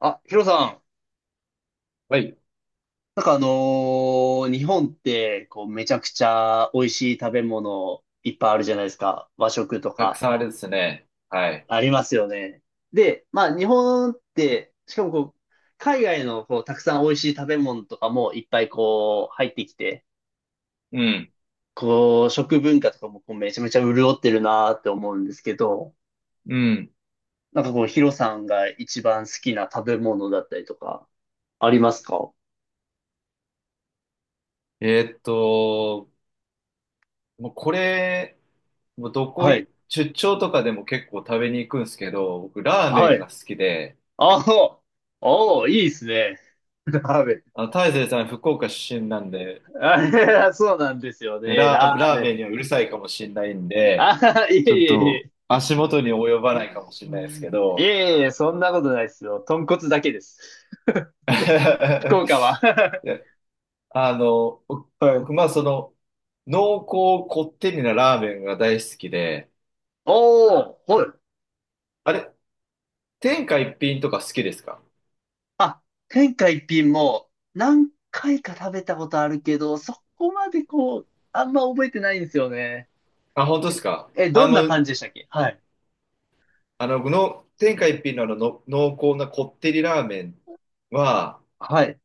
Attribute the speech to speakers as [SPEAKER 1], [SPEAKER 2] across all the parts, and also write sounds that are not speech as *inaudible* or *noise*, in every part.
[SPEAKER 1] あ、ヒロさん。
[SPEAKER 2] はい。
[SPEAKER 1] なんか日本って、こう、めちゃくちゃ美味しい食べ物いっぱいあるじゃないですか。和食と
[SPEAKER 2] たく
[SPEAKER 1] か、
[SPEAKER 2] さんあれですね。はい。
[SPEAKER 1] ありますよね。で、まあ、日本って、しかもこう、海外のこう、たくさん美味しい食べ物とかもいっぱいこう、入ってきて、
[SPEAKER 2] うん。
[SPEAKER 1] こう、食文化とかもこう、めちゃめちゃ潤ってるなーって思うんですけど、
[SPEAKER 2] うん。
[SPEAKER 1] なんかこう、ヒロさんが一番好きな食べ物だったりとか、ありますか？
[SPEAKER 2] えーっと、もうこれ、もうどこ
[SPEAKER 1] は
[SPEAKER 2] い、
[SPEAKER 1] い。
[SPEAKER 2] 出張とかでも結構食べに行くんですけど、僕ラーメ
[SPEAKER 1] は
[SPEAKER 2] ンが
[SPEAKER 1] い。
[SPEAKER 2] 好きで、
[SPEAKER 1] ああ、おーいいですね。ラーメン。
[SPEAKER 2] 大勢さん福岡出身なんで、
[SPEAKER 1] *laughs* あそうなんですよね。ラー
[SPEAKER 2] ラー
[SPEAKER 1] メ
[SPEAKER 2] メ
[SPEAKER 1] ン。
[SPEAKER 2] ンにはうるさいかもしれないんで、
[SPEAKER 1] あ、いえ
[SPEAKER 2] ちょ
[SPEAKER 1] い
[SPEAKER 2] っ
[SPEAKER 1] えい
[SPEAKER 2] と
[SPEAKER 1] え。
[SPEAKER 2] 足元に及ばないかもしれないですけ
[SPEAKER 1] い
[SPEAKER 2] ど、
[SPEAKER 1] えいえ、そんなことないですよ。豚骨だけです。福
[SPEAKER 2] *laughs*
[SPEAKER 1] 岡は。
[SPEAKER 2] い
[SPEAKER 1] *laughs*
[SPEAKER 2] や、僕、
[SPEAKER 1] はい。
[SPEAKER 2] 僕まあ濃厚こってりなラーメンが大好きで、
[SPEAKER 1] おー、はい。
[SPEAKER 2] あれ、天下一品とか好きですか？
[SPEAKER 1] あ、天下一品も何回か食べたことあるけど、そこまでこう、あんま覚えてないんですよね。
[SPEAKER 2] あ、本当ですか？
[SPEAKER 1] え、どんな感じでしたっけ？はい。
[SPEAKER 2] 天下一品の濃厚なこってりラーメンは、
[SPEAKER 1] はい。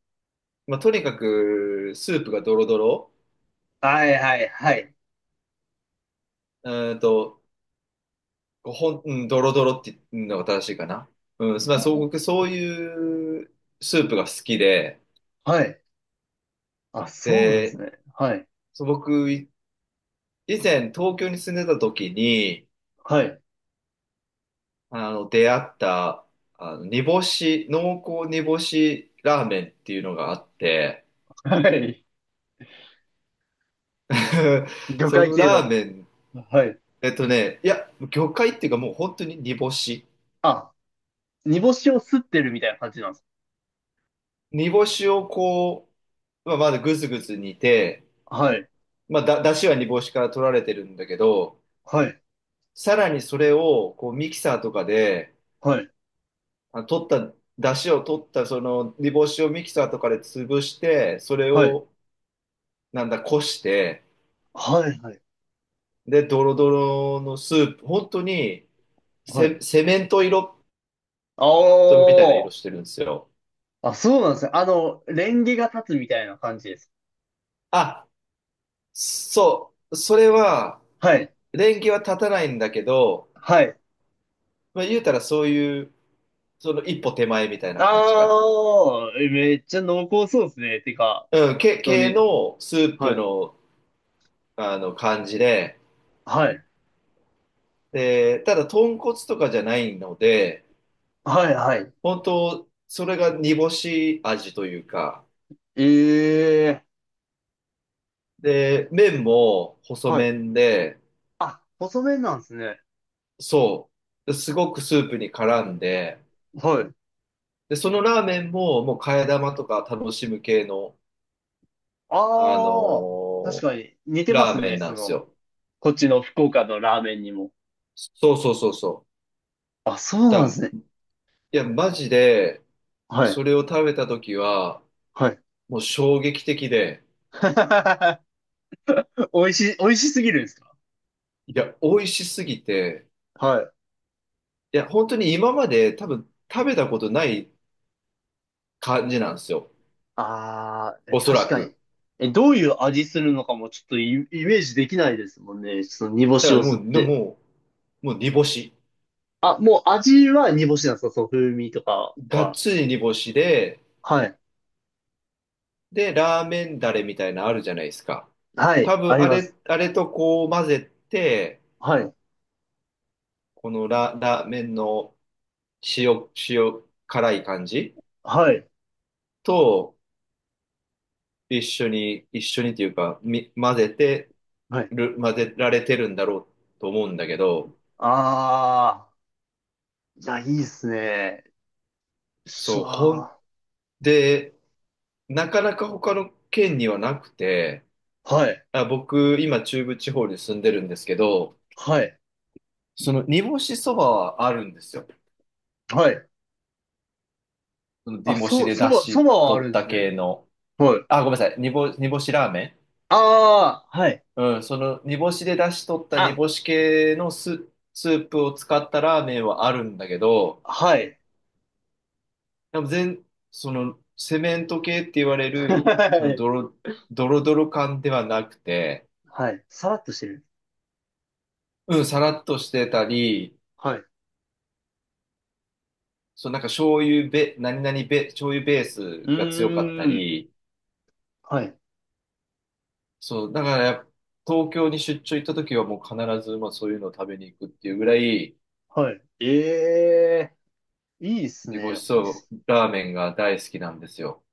[SPEAKER 2] まあ、とにかくスープがドロドロ、
[SPEAKER 1] はいはいはい。
[SPEAKER 2] うーんと、こうほん、うん、ドロドロっていうのが正しいかな。うん、まあ、
[SPEAKER 1] うん
[SPEAKER 2] そう、
[SPEAKER 1] うん。
[SPEAKER 2] 僕そういうスープが好きで、
[SPEAKER 1] はい。あ、そうなんです
[SPEAKER 2] で、
[SPEAKER 1] ね。はい。
[SPEAKER 2] そう僕、以前東京に住んでた時に、
[SPEAKER 1] はい。
[SPEAKER 2] 出会った、あの、煮干し、濃厚煮干しラーメンっていうのがあって、
[SPEAKER 1] はい。
[SPEAKER 2] *laughs*
[SPEAKER 1] 魚
[SPEAKER 2] そ
[SPEAKER 1] 介
[SPEAKER 2] の
[SPEAKER 1] 系
[SPEAKER 2] ラー
[SPEAKER 1] の。
[SPEAKER 2] メン、
[SPEAKER 1] はい。
[SPEAKER 2] いや、魚介っていうかもう本当に煮干し。
[SPEAKER 1] あ、煮干しを吸ってるみたいな感じなんです。
[SPEAKER 2] 煮干しをこう、まあ、まだぐずぐず煮て、
[SPEAKER 1] はい。
[SPEAKER 2] まあ、だしは煮干しから取られてるんだけど、
[SPEAKER 1] はい。
[SPEAKER 2] さらにそれをこうミキサーとかで、
[SPEAKER 1] はい。
[SPEAKER 2] あ、取った、だしを取ったその煮干しをミキサーとかで潰して、それ
[SPEAKER 1] はい。
[SPEAKER 2] をなんだ、こして、
[SPEAKER 1] はい。はい。
[SPEAKER 2] で、ドロドロのスープ、本当に
[SPEAKER 1] はい。
[SPEAKER 2] セメント色
[SPEAKER 1] あ
[SPEAKER 2] みたいな色してるんですよ。
[SPEAKER 1] あ。あ、そうなんですね。あの、レンゲが立つみたいな感じです。
[SPEAKER 2] あ、そう、それは、
[SPEAKER 1] はい。
[SPEAKER 2] 連携は立たないんだけど、
[SPEAKER 1] はい。
[SPEAKER 2] まあ、言うたらそういう、その一歩手前みたいな感じかな。
[SPEAKER 1] ああ、えめっちゃ濃厚そうですね。てか、
[SPEAKER 2] うん、け、
[SPEAKER 1] 本当
[SPEAKER 2] 系
[SPEAKER 1] に。
[SPEAKER 2] のスープ
[SPEAKER 1] はい。
[SPEAKER 2] の、あの感じで、
[SPEAKER 1] はい。
[SPEAKER 2] で、ただ豚骨とかじゃないので、
[SPEAKER 1] はい。はい。
[SPEAKER 2] 本当それが煮干し味というか、
[SPEAKER 1] ええ。
[SPEAKER 2] で、麺も細
[SPEAKER 1] はい。
[SPEAKER 2] 麺で、
[SPEAKER 1] あ、細麺なんですね。
[SPEAKER 2] そう、すごくスープに絡んで、
[SPEAKER 1] はい。
[SPEAKER 2] で、そのラーメンももう替え玉とか楽しむ系の、あの
[SPEAKER 1] ああ、確
[SPEAKER 2] ー
[SPEAKER 1] かに似てま
[SPEAKER 2] ラ
[SPEAKER 1] す
[SPEAKER 2] ーメ
[SPEAKER 1] ね。
[SPEAKER 2] ンな
[SPEAKER 1] そ
[SPEAKER 2] んです
[SPEAKER 1] の、
[SPEAKER 2] よ。
[SPEAKER 1] こっちの福岡のラーメンにも。
[SPEAKER 2] そうそうそうそう。
[SPEAKER 1] あ、そうなんで
[SPEAKER 2] だ、
[SPEAKER 1] すね。
[SPEAKER 2] いや、マジで、
[SPEAKER 1] は
[SPEAKER 2] そ
[SPEAKER 1] い。
[SPEAKER 2] れを食べた時は、
[SPEAKER 1] はい。
[SPEAKER 2] もう衝撃的で、
[SPEAKER 1] *laughs* 美味しい、美味しすぎるんですか？
[SPEAKER 2] いや、美味しすぎて、
[SPEAKER 1] はい。
[SPEAKER 2] いや、本当に今まで多分食べたことない感じなんですよ。
[SPEAKER 1] あー、え
[SPEAKER 2] おそ
[SPEAKER 1] 確
[SPEAKER 2] ら
[SPEAKER 1] かに。
[SPEAKER 2] く。
[SPEAKER 1] え、どういう味するのかもちょっとイメージできないですもんね。その煮干
[SPEAKER 2] だ
[SPEAKER 1] し
[SPEAKER 2] か
[SPEAKER 1] を
[SPEAKER 2] らも
[SPEAKER 1] 吸っ
[SPEAKER 2] う、
[SPEAKER 1] て。
[SPEAKER 2] もう煮干し。
[SPEAKER 1] あ、もう味は煮干しなんですか？その風味とか
[SPEAKER 2] がっ
[SPEAKER 1] は。
[SPEAKER 2] つり煮干しで、
[SPEAKER 1] はい。
[SPEAKER 2] で、ラーメンダレみたいなのあるじゃないですか。
[SPEAKER 1] はい、
[SPEAKER 2] 多
[SPEAKER 1] あ
[SPEAKER 2] 分
[SPEAKER 1] り
[SPEAKER 2] あ
[SPEAKER 1] ま
[SPEAKER 2] れ、
[SPEAKER 1] す。
[SPEAKER 2] あれとこう混ぜて、
[SPEAKER 1] はい、
[SPEAKER 2] このラーメンの塩辛い感じ
[SPEAKER 1] はい、
[SPEAKER 2] と一緒に、一緒にというか、混ぜて
[SPEAKER 1] はい。
[SPEAKER 2] る、混ぜられてるんだろうと思うんだけど、
[SPEAKER 1] あー、いや、いいっすね。しゃ
[SPEAKER 2] そう、ほん
[SPEAKER 1] ー。
[SPEAKER 2] で、なかなか他の県にはなくて、
[SPEAKER 1] はい、
[SPEAKER 2] あ、僕、今中部地方に住んでるんですけど、
[SPEAKER 1] はい、
[SPEAKER 2] その煮干しそばはあるんですよ。
[SPEAKER 1] はい。
[SPEAKER 2] その
[SPEAKER 1] あ、
[SPEAKER 2] 煮干しで出
[SPEAKER 1] そ
[SPEAKER 2] 汁
[SPEAKER 1] ばはあ
[SPEAKER 2] 取
[SPEAKER 1] るん
[SPEAKER 2] っ
[SPEAKER 1] で
[SPEAKER 2] た
[SPEAKER 1] すね。
[SPEAKER 2] 系の。
[SPEAKER 1] はい。
[SPEAKER 2] あ、ごめんなさい。煮干しラーメン。
[SPEAKER 1] あー、はい。
[SPEAKER 2] うん、その煮干しで出汁取った煮
[SPEAKER 1] あ、
[SPEAKER 2] 干し系のスープを使ったラーメンはあるんだけど、
[SPEAKER 1] はい。
[SPEAKER 2] でもその、セメント系って言われる、そ
[SPEAKER 1] は
[SPEAKER 2] の、
[SPEAKER 1] い。
[SPEAKER 2] ドロドロ感ではなくて、
[SPEAKER 1] はい。さらっとしてる。
[SPEAKER 2] うん、さらっとしてたり、
[SPEAKER 1] はい。う
[SPEAKER 2] そう、なんか醤油べ、何々べ、醤油ベー
[SPEAKER 1] ー
[SPEAKER 2] スが強かった
[SPEAKER 1] ん。
[SPEAKER 2] り、
[SPEAKER 1] はい。
[SPEAKER 2] そう、だからやっぱ、東京に出張行った時はもう必ず、まあそういうのを食べに行くっていうぐらい、
[SPEAKER 1] はい。ええ、いいです
[SPEAKER 2] 煮干
[SPEAKER 1] ね。お
[SPEAKER 2] し
[SPEAKER 1] も
[SPEAKER 2] そ
[SPEAKER 1] し
[SPEAKER 2] ばラーメンが大好きなんですよ。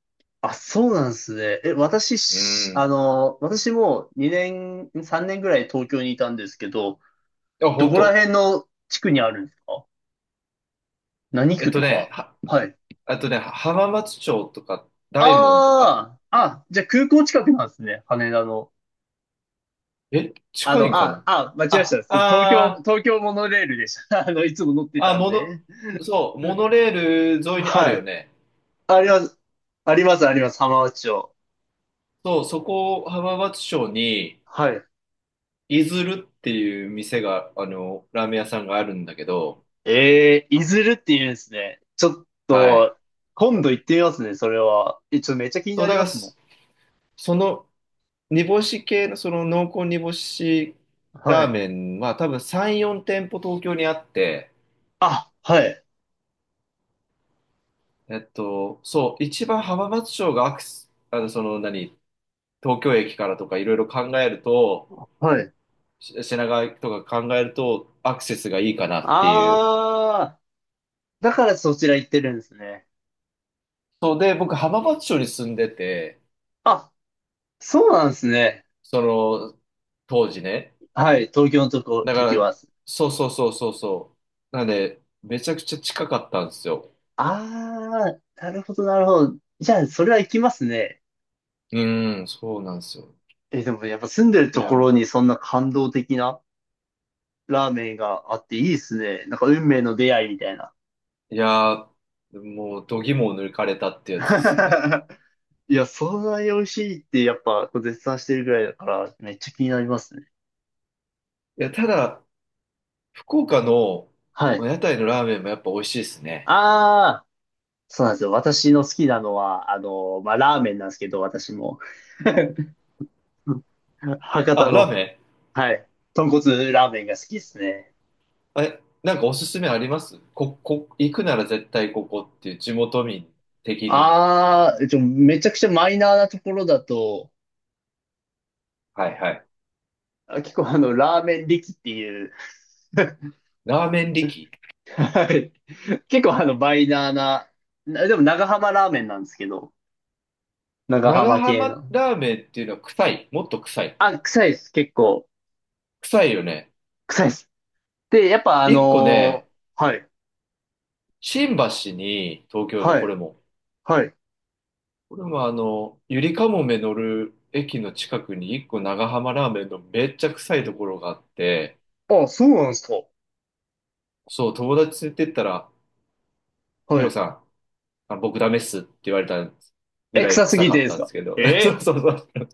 [SPEAKER 1] あ、そうなんですね。え、私
[SPEAKER 2] う
[SPEAKER 1] し、あ
[SPEAKER 2] ん。
[SPEAKER 1] の、私も2年、3年ぐらい東京にいたんですけど、
[SPEAKER 2] あ、
[SPEAKER 1] ど
[SPEAKER 2] 本
[SPEAKER 1] こら
[SPEAKER 2] 当。
[SPEAKER 1] 辺の地区にあるんですか？何
[SPEAKER 2] えっ
[SPEAKER 1] 区
[SPEAKER 2] と
[SPEAKER 1] と
[SPEAKER 2] ね、
[SPEAKER 1] か？
[SPEAKER 2] は、
[SPEAKER 1] はい。
[SPEAKER 2] あとね、浜松町とか、大門とか、
[SPEAKER 1] ああ、あ、じゃあ空港近くなんですね。羽田の。
[SPEAKER 2] え、近いんかな？
[SPEAKER 1] 間違えまし
[SPEAKER 2] あ、
[SPEAKER 1] た。そう東京、東京モノレールでした。*laughs* いつも乗って
[SPEAKER 2] あ、
[SPEAKER 1] たんで。
[SPEAKER 2] そう、モノレール沿いにある
[SPEAKER 1] は
[SPEAKER 2] よ
[SPEAKER 1] い。
[SPEAKER 2] ね。
[SPEAKER 1] あります。あります、あります。浜松町。
[SPEAKER 2] そう、そこ、浜松町に、
[SPEAKER 1] はい。
[SPEAKER 2] いずるっていう店が、ラーメン屋さんがあるんだけど、
[SPEAKER 1] いずるって言うんですね。ちょっ
[SPEAKER 2] はい。
[SPEAKER 1] と、今度行ってみますね、それは。え、ちょっとめっちゃ気に
[SPEAKER 2] そ
[SPEAKER 1] な
[SPEAKER 2] う、だ
[SPEAKER 1] り
[SPEAKER 2] か
[SPEAKER 1] ま
[SPEAKER 2] ら、
[SPEAKER 1] すも
[SPEAKER 2] その、煮干し系の、その濃厚煮干し
[SPEAKER 1] ん。は
[SPEAKER 2] ラー
[SPEAKER 1] い。
[SPEAKER 2] メンは多分3、4店舗東京にあって、
[SPEAKER 1] あ、はい。
[SPEAKER 2] そう、一番浜松町がアクセス、東京駅からとかいろいろ考えると、
[SPEAKER 1] はい。
[SPEAKER 2] 品川とか考えるとアクセスがいいかなっていう。
[SPEAKER 1] あー、だからそちら行ってるんですね。
[SPEAKER 2] そうで、僕浜松町に住んでて、
[SPEAKER 1] あ、そうなんですね。
[SPEAKER 2] その当時ね。
[SPEAKER 1] はい。東京のとこ、
[SPEAKER 2] だか
[SPEAKER 1] 時は。
[SPEAKER 2] ら、そうそうそうそうそう。なんで、めちゃくちゃ近かったんですよ。
[SPEAKER 1] あー、なるほど、なるほど。じゃあ、それは行きますね。
[SPEAKER 2] うん、そうなんですよ。
[SPEAKER 1] え、でもやっぱ住んでる
[SPEAKER 2] い
[SPEAKER 1] と
[SPEAKER 2] や、
[SPEAKER 1] ころにそんな感動的なラーメンがあっていいですね。なんか運命の出会いみたいな。
[SPEAKER 2] いやー、もう度肝を抜かれたってやつですね。
[SPEAKER 1] *laughs* いや、そんなに美味しいってやっぱこう絶賛してるぐらいだからめっちゃ気になりますね。
[SPEAKER 2] いや、ただ、福岡の
[SPEAKER 1] はい。
[SPEAKER 2] 屋台のラーメンもやっぱ美味しいですね。
[SPEAKER 1] ああ、そうなんですよ。私の好きなのは、あの、まあ、ラーメンなんですけど、私も。*laughs* うん、博多
[SPEAKER 2] あ、ラー
[SPEAKER 1] の、
[SPEAKER 2] メン、
[SPEAKER 1] はい。豚骨ラーメンが好きですね。
[SPEAKER 2] え、なんかおすすめあります？行くなら絶対ここっていう地元民的に。
[SPEAKER 1] ああ、めちゃくちゃマイナーなところだと、
[SPEAKER 2] はいはい。
[SPEAKER 1] あ結構ラーメン力っていう。 *laughs*
[SPEAKER 2] ラーメン力。
[SPEAKER 1] はい。結構バイナーな、でも長浜ラーメンなんですけど、長
[SPEAKER 2] 長
[SPEAKER 1] 浜系
[SPEAKER 2] 浜
[SPEAKER 1] の。
[SPEAKER 2] ラーメンっていうのは臭い。もっと臭い。
[SPEAKER 1] あ、臭いです。結構、
[SPEAKER 2] 臭いよね。
[SPEAKER 1] 臭いです。で、やっぱあ
[SPEAKER 2] 一個ね、
[SPEAKER 1] のーはい、
[SPEAKER 2] 新橋に、東京の
[SPEAKER 1] は
[SPEAKER 2] こ
[SPEAKER 1] い、
[SPEAKER 2] れも。
[SPEAKER 1] はい。
[SPEAKER 2] これもゆりかもめ乗る駅の近くに一個長浜ラーメンのめっちゃ臭いところがあって、
[SPEAKER 1] あ、そうなんですか。
[SPEAKER 2] そう、友達連れてったら、ヒ
[SPEAKER 1] は
[SPEAKER 2] ロ
[SPEAKER 1] い。
[SPEAKER 2] さん、あ僕ダメっすって言われたぐ
[SPEAKER 1] え、
[SPEAKER 2] らい
[SPEAKER 1] 臭す
[SPEAKER 2] 臭
[SPEAKER 1] ぎ
[SPEAKER 2] か
[SPEAKER 1] て
[SPEAKER 2] っ
[SPEAKER 1] です
[SPEAKER 2] たんで
[SPEAKER 1] か？
[SPEAKER 2] すけど。
[SPEAKER 1] え
[SPEAKER 2] *laughs* そう
[SPEAKER 1] え。
[SPEAKER 2] そうそう。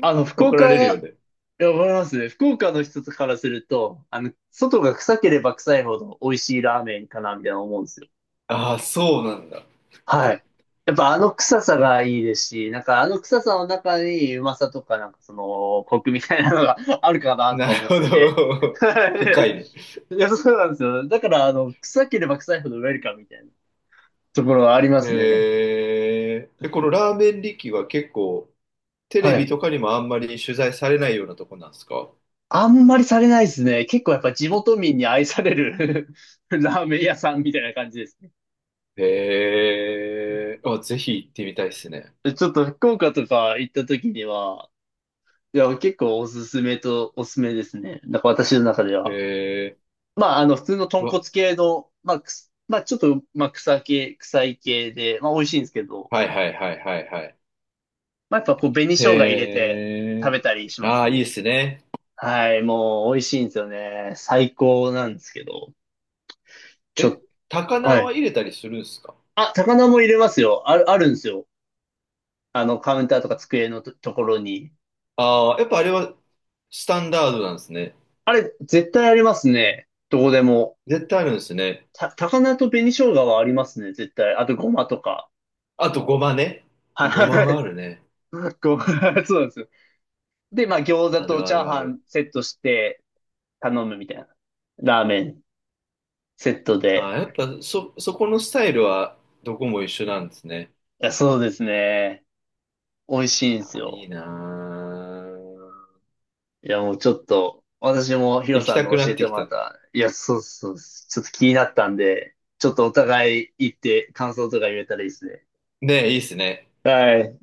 [SPEAKER 1] あの、福
[SPEAKER 2] 怒
[SPEAKER 1] 岡
[SPEAKER 2] られるよ
[SPEAKER 1] は、
[SPEAKER 2] ね。
[SPEAKER 1] いや、わかりますね。福岡の人からすると、あの、外が臭ければ臭いほど美味しいラーメンかな、みたいな思うんですよ。
[SPEAKER 2] ああ、そうなんだ。
[SPEAKER 1] はい。やっぱあの臭さがいいですし、なんかあの臭さの中にうまさとかなんかそのコクみたいなのが *laughs* あるかなと
[SPEAKER 2] な
[SPEAKER 1] か
[SPEAKER 2] る
[SPEAKER 1] 思っ
[SPEAKER 2] ほ
[SPEAKER 1] てて。*laughs*
[SPEAKER 2] ど。
[SPEAKER 1] は
[SPEAKER 2] *laughs* 深いね。
[SPEAKER 1] い。いや、そうなんですよ。だからあの、臭ければ臭いほどウェルカムみたいなところはありま
[SPEAKER 2] へー
[SPEAKER 1] すね。
[SPEAKER 2] え。え、このラーメン力は結構、テレ
[SPEAKER 1] は
[SPEAKER 2] ビ
[SPEAKER 1] い。
[SPEAKER 2] とかにもあんまり取材されないようなとこなんですか？
[SPEAKER 1] あんまりされないですね。結構やっぱ地元民に愛される *laughs* ラーメン屋さんみたいな感じですね。
[SPEAKER 2] へえ。あ、ぜひ行ってみたいですね。
[SPEAKER 1] ちょっと福岡とか行った時には、いや、結構おすすめですね。なんか私の中で
[SPEAKER 2] へ
[SPEAKER 1] は。
[SPEAKER 2] え。
[SPEAKER 1] まあ、あの、普通の
[SPEAKER 2] う
[SPEAKER 1] 豚骨
[SPEAKER 2] わ、
[SPEAKER 1] 系の、まあ、まあ、ちょっと、まあ、臭い系で、まあ、美味しいんですけど、
[SPEAKER 2] はいはいはいはいはい。
[SPEAKER 1] まあ、やっぱこう、紅生姜入れ
[SPEAKER 2] へ
[SPEAKER 1] て食
[SPEAKER 2] え。
[SPEAKER 1] べたりしま
[SPEAKER 2] あ
[SPEAKER 1] す
[SPEAKER 2] あ、いい
[SPEAKER 1] ね。
[SPEAKER 2] ですね。
[SPEAKER 1] はい、もう、美味しいんですよね。最高なんですけど、ちょっ
[SPEAKER 2] え、高
[SPEAKER 1] と、
[SPEAKER 2] 菜
[SPEAKER 1] はい。
[SPEAKER 2] は入れたりするんですか？
[SPEAKER 1] あ、高菜も入れますよ。あるんですよ。あの、カウンターとか机のところに。
[SPEAKER 2] ああー、やっぱあれはスタンダードなんですね。
[SPEAKER 1] あれ、絶対ありますね。どこでも。
[SPEAKER 2] 絶対あるんですね。
[SPEAKER 1] 高菜と紅生姜はありますね、絶対。あと、ごまとか。
[SPEAKER 2] あとごまね。ごま
[SPEAKER 1] は
[SPEAKER 2] はあ
[SPEAKER 1] い。
[SPEAKER 2] るね。
[SPEAKER 1] *laughs* ごま、*laughs* そうなんですよ。で、まあ餃子
[SPEAKER 2] あ
[SPEAKER 1] と
[SPEAKER 2] るあ
[SPEAKER 1] チャー
[SPEAKER 2] るあ
[SPEAKER 1] ハ
[SPEAKER 2] る。
[SPEAKER 1] ンセットして頼むみたいな。ラーメンセット
[SPEAKER 2] あー、
[SPEAKER 1] で。
[SPEAKER 2] やっぱそこのスタイルはどこも一緒なんですね。
[SPEAKER 1] いや、そうですね。美味しいんです
[SPEAKER 2] あ、いい
[SPEAKER 1] よ。
[SPEAKER 2] なー、
[SPEAKER 1] いや、もうちょっと、私もヒロ
[SPEAKER 2] 行き
[SPEAKER 1] さん
[SPEAKER 2] た
[SPEAKER 1] の
[SPEAKER 2] くな
[SPEAKER 1] 教え
[SPEAKER 2] って
[SPEAKER 1] て
[SPEAKER 2] き
[SPEAKER 1] もらっ
[SPEAKER 2] た。
[SPEAKER 1] た、いや、そうそうそう、ちょっと気になったんで、ちょっとお互い行って感想とか言えたらいいですね。
[SPEAKER 2] ねえ、いいっすね。
[SPEAKER 1] はい。